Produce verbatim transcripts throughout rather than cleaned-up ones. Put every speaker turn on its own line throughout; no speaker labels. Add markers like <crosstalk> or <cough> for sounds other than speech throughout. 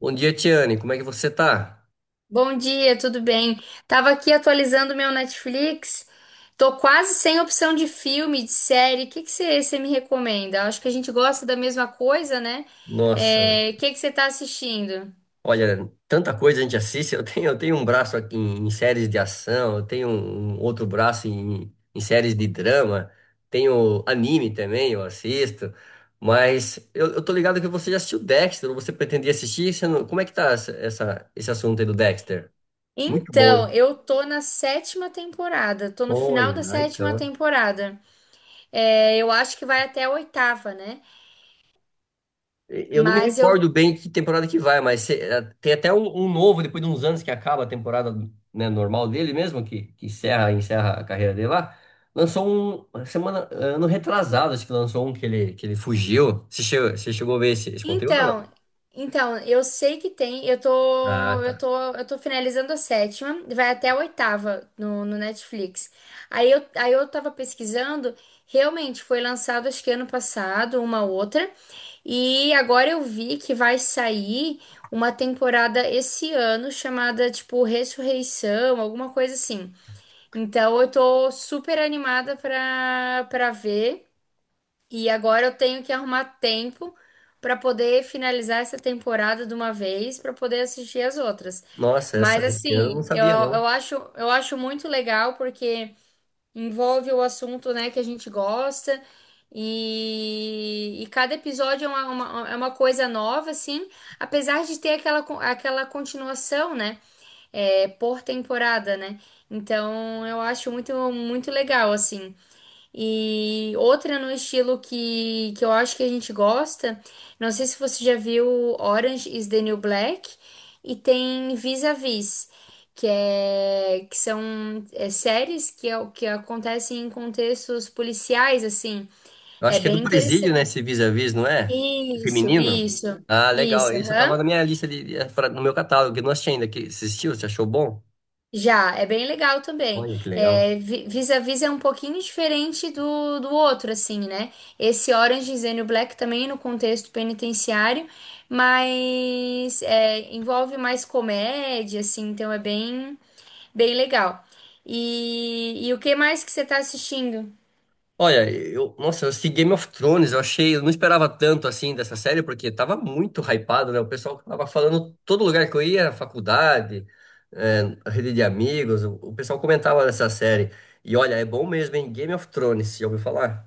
Bom dia, Tiane. Como é que você tá?
Bom dia, tudo bem? Tava aqui atualizando meu Netflix. Tô quase sem opção de filme, de série. O que que você me recomenda? Acho que a gente gosta da mesma coisa, né?
Nossa,
É, o que que você tá assistindo?
olha, tanta coisa a gente assiste. Eu tenho, eu tenho um braço aqui em, em séries de ação, eu tenho um um outro braço em, em séries de drama, tenho anime também, eu assisto. Mas eu, eu tô ligado que você já assistiu Dexter, ou você pretendia assistir? Você não- Como é que tá essa, essa- esse assunto aí do Dexter? Muito bom,
Então,
hein?
eu tô na sétima temporada. Tô no final
Olha,
da
ai,
sétima
então.
temporada. É, eu acho que vai até a oitava, né?
Eu não me
Mas eu
recordo bem que temporada que vai, mas se- eh, tem até um, um novo, depois de uns anos que acaba a temporada, né, normal dele mesmo, que, que encerra, encerra a carreira dele lá. Lançou um, semana, ano retrasado, acho que lançou um que ele, que ele fugiu. Você chegou, você chegou a ver esse, esse conteúdo ou
Então,
não?
então, eu sei que tem, eu
Ah,
tô, eu
tá.
tô, eu tô finalizando a sétima, vai até a oitava no, no Netflix. Aí eu, aí eu tava pesquisando, realmente foi lançado acho que ano passado, uma outra, e agora eu vi que vai sair uma temporada esse ano chamada tipo Ressurreição, alguma coisa assim. Então eu tô super animada pra, pra ver. E agora eu tenho que arrumar tempo para poder finalizar essa temporada de uma vez para poder assistir as outras.
Nossa,
Mas
essa, esse ano eu não
assim, eu,
sabia, não.
eu acho, eu acho muito legal porque envolve o assunto, né, que a gente gosta. E, e cada episódio é uma, uma- é uma coisa nova, assim, apesar de ter aquela, con- aquela continuação, né, é, por temporada, né? Então eu acho muito, muito legal, assim. E outra no estilo que, que eu acho que a gente gosta, não sei se você já viu Orange is the New Black, e tem Vis-a-Vis, que, é, que são é, séries que, é o- que acontecem em contextos policiais, assim.
Eu
É
acho que é
bem
do Presídio, né,
interessante.
esse Vis-a-Vis, não é?
Isso,
Feminino?
isso,
Ah, legal.
isso.
Esse eu tava
Aham.
na minha lista, de, de- pra- no meu catálogo, que eu não assisti ainda. Que, você assistiu? Você achou bom?
Já, é bem legal também.
Olha que legal.
É, vi- Vis-a-Vis é um pouquinho diferente do, do outro, assim, né? Esse Orange is the New Black também no contexto penitenciário, mas é, envolve mais comédia, assim, então é bem, bem legal. E, e o que mais que você tá assistindo?
Olha, eu, nossa, eu assisti Game of Thrones, eu achei, eu não esperava tanto assim dessa série, porque tava muito hypado, né? O pessoal tava falando todo lugar que eu ia, faculdade, é, rede de amigos, o, o pessoal comentava dessa série. E olha, é bom mesmo, hein? Game of Thrones, já ouviu falar?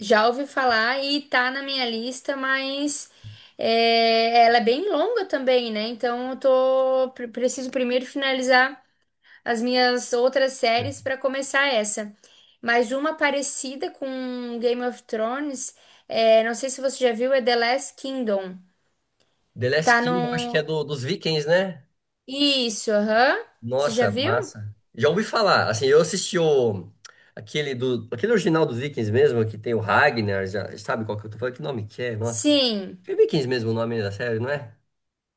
Já ouvi falar e tá na minha lista, mas é, ela é bem longa também, né? Então eu tô, pre- preciso primeiro finalizar as minhas outras séries para começar essa. Mas uma parecida com Game of Thrones, é, não sei se você já viu, é The Last Kingdom.
The Last
Tá
King, eu acho que é
no.
do, dos Vikings, né?
Isso, aham. Você já
Nossa,
viu?
massa. Já ouvi falar, assim, eu assisti o, aquele, do, aquele original dos Vikings mesmo, que tem o Ragnar, já, sabe qual que eu tô falando? Que nome que é? Nossa.
Sim,
É Vikings mesmo o nome da série, não é?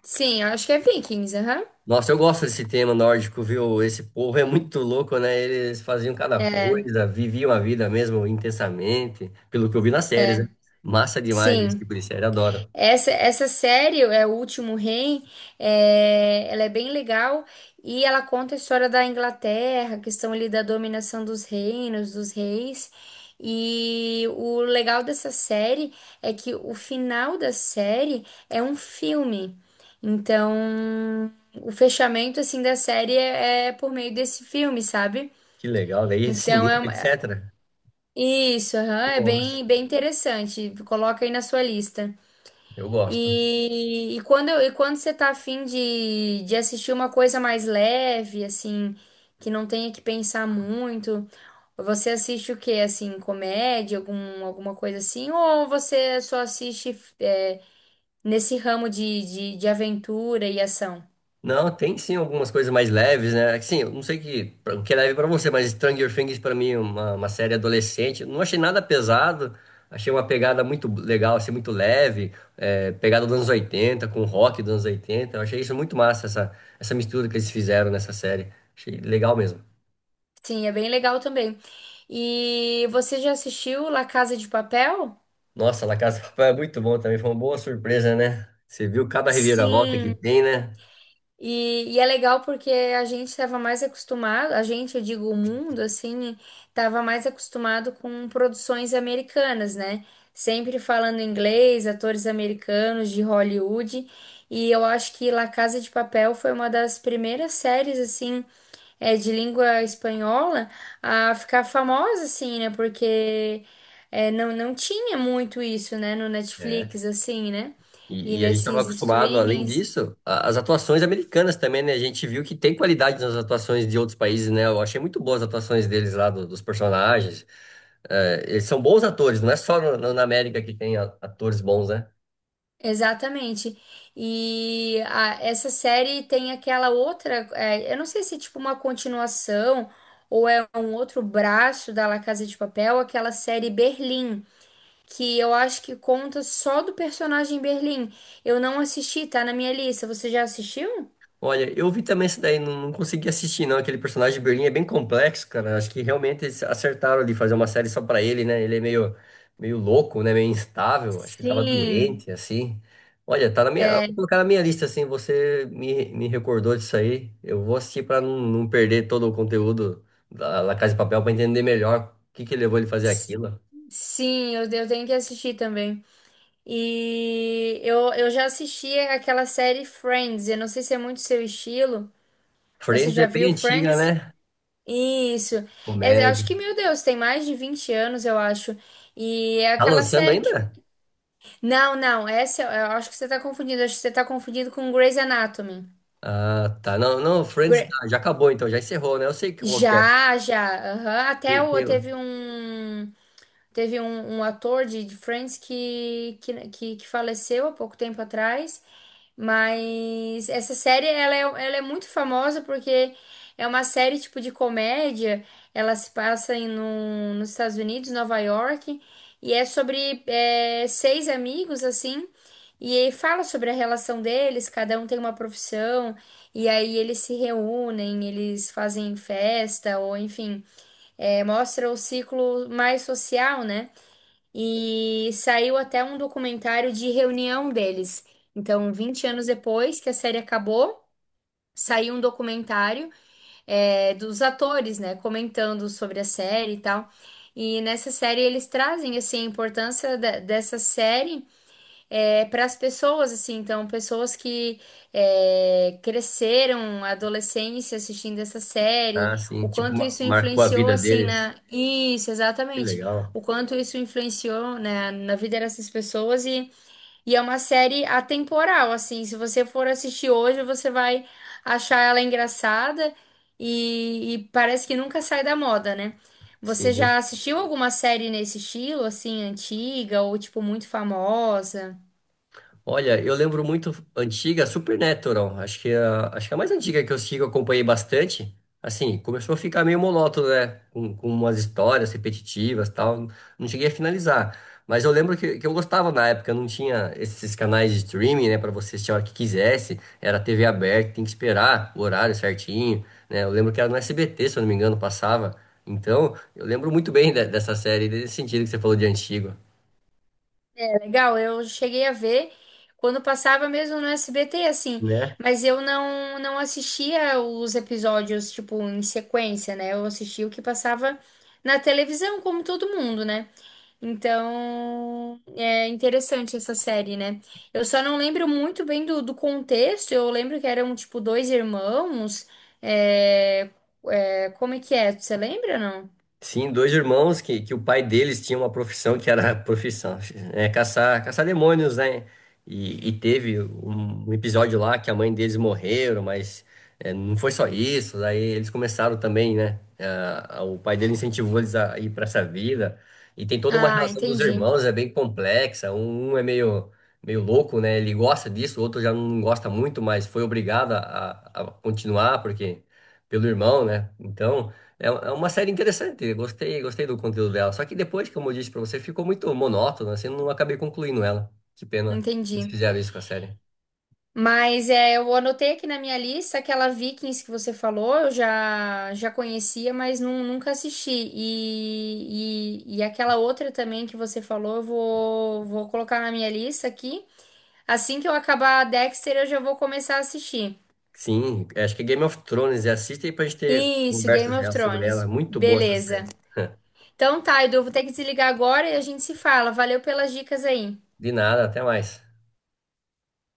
sim, eu acho que é Vikings, aham.
Nossa, eu gosto desse tema nórdico, viu? Esse povo é muito louco, né? Eles faziam cada coisa, viviam a vida mesmo intensamente, pelo que eu vi nas séries, né?
É,
Massa demais esse
sim.
tipo de série, adoro.
Essa, essa série, é O Último Rei, é, ela é bem legal e ela conta a história da Inglaterra, a questão ali da dominação dos reinos, dos reis. E o legal dessa série é que o final da série é um filme. Então, o fechamento assim da série é, é por meio desse filme, sabe?
Que legal, daí
Então,
cinema,
é uma-
etcetera.
isso, aham, é
Nossa,
bem, bem interessante. Coloca aí na sua lista.
eu gosto.
E, e quando, eu- e quando você tá afim de, de assistir uma coisa mais leve, assim, que não tenha que pensar muito, você assiste o quê? Assim, comédia, algum, alguma coisa assim? Ou você só assiste é, nesse ramo de, de, de aventura e ação?
Não, tem sim algumas coisas mais leves, né? Assim, eu não sei que, pra- o que é leve pra você, mas Stranger Things pra mim é uma, uma série adolescente. Não achei nada pesado, achei uma pegada muito legal, assim, muito leve, é, pegada dos anos oitenta com rock dos anos oitenta. Eu achei isso muito massa, essa, essa mistura que eles fizeram nessa série. Achei legal mesmo.
Sim, é bem legal também. E você já assistiu La Casa de Papel?
Nossa, La Casa de Papel é muito bom também, foi uma boa surpresa, né? Você viu cada reviravolta que
Sim.
tem, né?
E, e é legal porque a gente estava mais acostumado, a gente, eu digo o mundo, assim, estava mais acostumado com produções americanas, né? Sempre falando inglês, atores americanos de Hollywood. E eu acho que La Casa de Papel foi uma das primeiras séries, assim, é, de língua espanhola a ficar famosa, assim, né? Porque é, não, não tinha muito isso, né, no
É.
Netflix, assim, né? E
E, e a gente estava
nesses
acostumado, além
streamings.
disso, a- as atuações americanas também, né? A gente viu que tem qualidade nas atuações de outros países, né? Eu achei muito boas as atuações deles lá, do- dos personagens. É, eles são bons atores, não é só no- no- na América que tem a- atores bons, né?
Exatamente. E a- essa série tem aquela outra, é, eu não sei se é tipo uma continuação ou é um outro braço da La Casa de Papel, aquela série Berlim, que eu acho que conta só do personagem Berlim. Eu não assisti, tá na minha lista. Você já assistiu?
Olha, eu vi também esse daí, não, não consegui assistir não, aquele personagem de Berlim é bem complexo, cara, acho que realmente eles acertaram ali fazer uma série só pra ele, né, ele é meio, meio louco, né, meio instável, acho que ele tava
Sim,
doente, assim, olha, tá na minha, vou colocar na minha lista, assim, você me, me recordou disso aí, eu vou assistir pra não, não perder todo o conteúdo da La Casa de Papel pra entender melhor o que que levou ele a fazer
s-
aquilo.
sim, eu, eu tenho que assistir também. E eu, eu já assisti aquela série Friends, eu não sei se é muito seu estilo. Você
Friends é
já
bem
viu
antiga,
Friends?
né,
Isso. É, eu acho
comédia,
que, meu Deus, tem mais de vinte anos, eu acho. E é
tá
aquela
lançando
série que.
ainda?
Não, não, essa eu eu acho que você tá confundindo. Acho que você tá confundindo com Grey's Anatomy.
Ah, tá. Não, não, Friends
Gre-
ah, já acabou então, já encerrou, né? Eu sei qual que é.
Já, já. Aham. Até
Tem-
o,
tem um-
teve um. Teve um, um ator de de Friends que, que, que, que faleceu há pouco tempo atrás. Mas essa série, ela é, ela é muito famosa porque é uma série tipo de comédia. Ela se passa em, num- nos Estados Unidos, Nova York, e é sobre é, seis amigos, assim, e aí fala sobre a relação deles, cada um tem uma profissão, e aí eles se reúnem, eles fazem festa, ou enfim, é, mostra o ciclo mais social, né? E saiu até um documentário de reunião deles. Então, vinte anos depois que a série acabou, saiu um documentário é, dos atores, né, comentando sobre a série e tal. E nessa série eles trazem assim a importância da- dessa série é, para as pessoas, assim, então, pessoas que é, cresceram a adolescência assistindo essa série,
Ah, sim,
o
tipo,
quanto
mar-
isso
marcou a
influenciou,
vida
assim,
deles.
na... Isso,
Que
exatamente.
legal.
O quanto isso influenciou, né, na vida dessas pessoas e, e é uma série atemporal, assim, se você for assistir hoje, você vai achar ela engraçada e, e parece que nunca sai da moda, né? Você
Sim.
já assistiu alguma série nesse estilo, assim, antiga ou, tipo, muito famosa?
Olha, eu lembro muito antiga, Supernatural. Acho que é a, acho que é a mais antiga que eu sigo, eu acompanhei bastante. Assim, começou a ficar meio monótono, né? Com, com umas histórias repetitivas e tal. Não cheguei a finalizar. Mas eu lembro que, que eu gostava na época, não tinha esses canais de streaming, né? Pra você assistir a hora que quisesse. Era T V aberta, tem que esperar o horário certinho, né? Eu lembro que era no S B T, se eu não me engano, passava. Então, eu lembro muito bem de- dessa série, desse sentido que você falou de antigo,
Legal, eu cheguei a ver quando passava mesmo no S B T, assim,
né?
mas eu não, não assistia os episódios, tipo, em sequência, né? Eu assistia o que passava na televisão, como todo mundo, né? Então, é interessante essa série, né? Eu só não lembro muito bem do, do contexto, eu lembro que eram, tipo, dois irmãos, é, é, como é que é? Você lembra, não?
Sim, dois irmãos que, que o pai deles tinha uma profissão que era <laughs> profissão, é, caçar, caçar demônios, né? E, e teve um, um episódio lá que a mãe deles morreram, mas é, não foi só isso. Daí eles começaram também, né? Ah, o pai dele incentivou eles a ir para essa vida. E tem toda uma
Ah,
relação dos
entendi,
irmãos, é bem complexa. Um, um é meio, meio louco, né? Ele gosta disso, o outro já não gosta muito, mas foi obrigado a, a a continuar, porque pelo irmão, né? Então. É é uma série interessante, gostei, gostei do conteúdo dela. Só que depois, como eu disse pra você, ficou muito monótono, assim, não acabei concluindo ela. Que pena eles
entendi.
fizeram isso com a série.
Mas é, eu anotei aqui na minha lista aquela Vikings que você falou, eu já, já conhecia, mas nun- nunca assisti. E, e, e aquela outra também que você falou, eu vou, vou colocar na minha lista aqui. Assim que eu acabar a Dexter, eu já vou começar a assistir.
Sim, acho que é Game of Thrones, assista aí pra gente ter
Isso, Game
conversas
of
reais sobre ela.
Thrones.
Muito boa essa
Beleza.
série.
Então tá, Edu, eu vou ter que desligar agora e a gente se fala. Valeu pelas dicas aí.
De nada, até mais.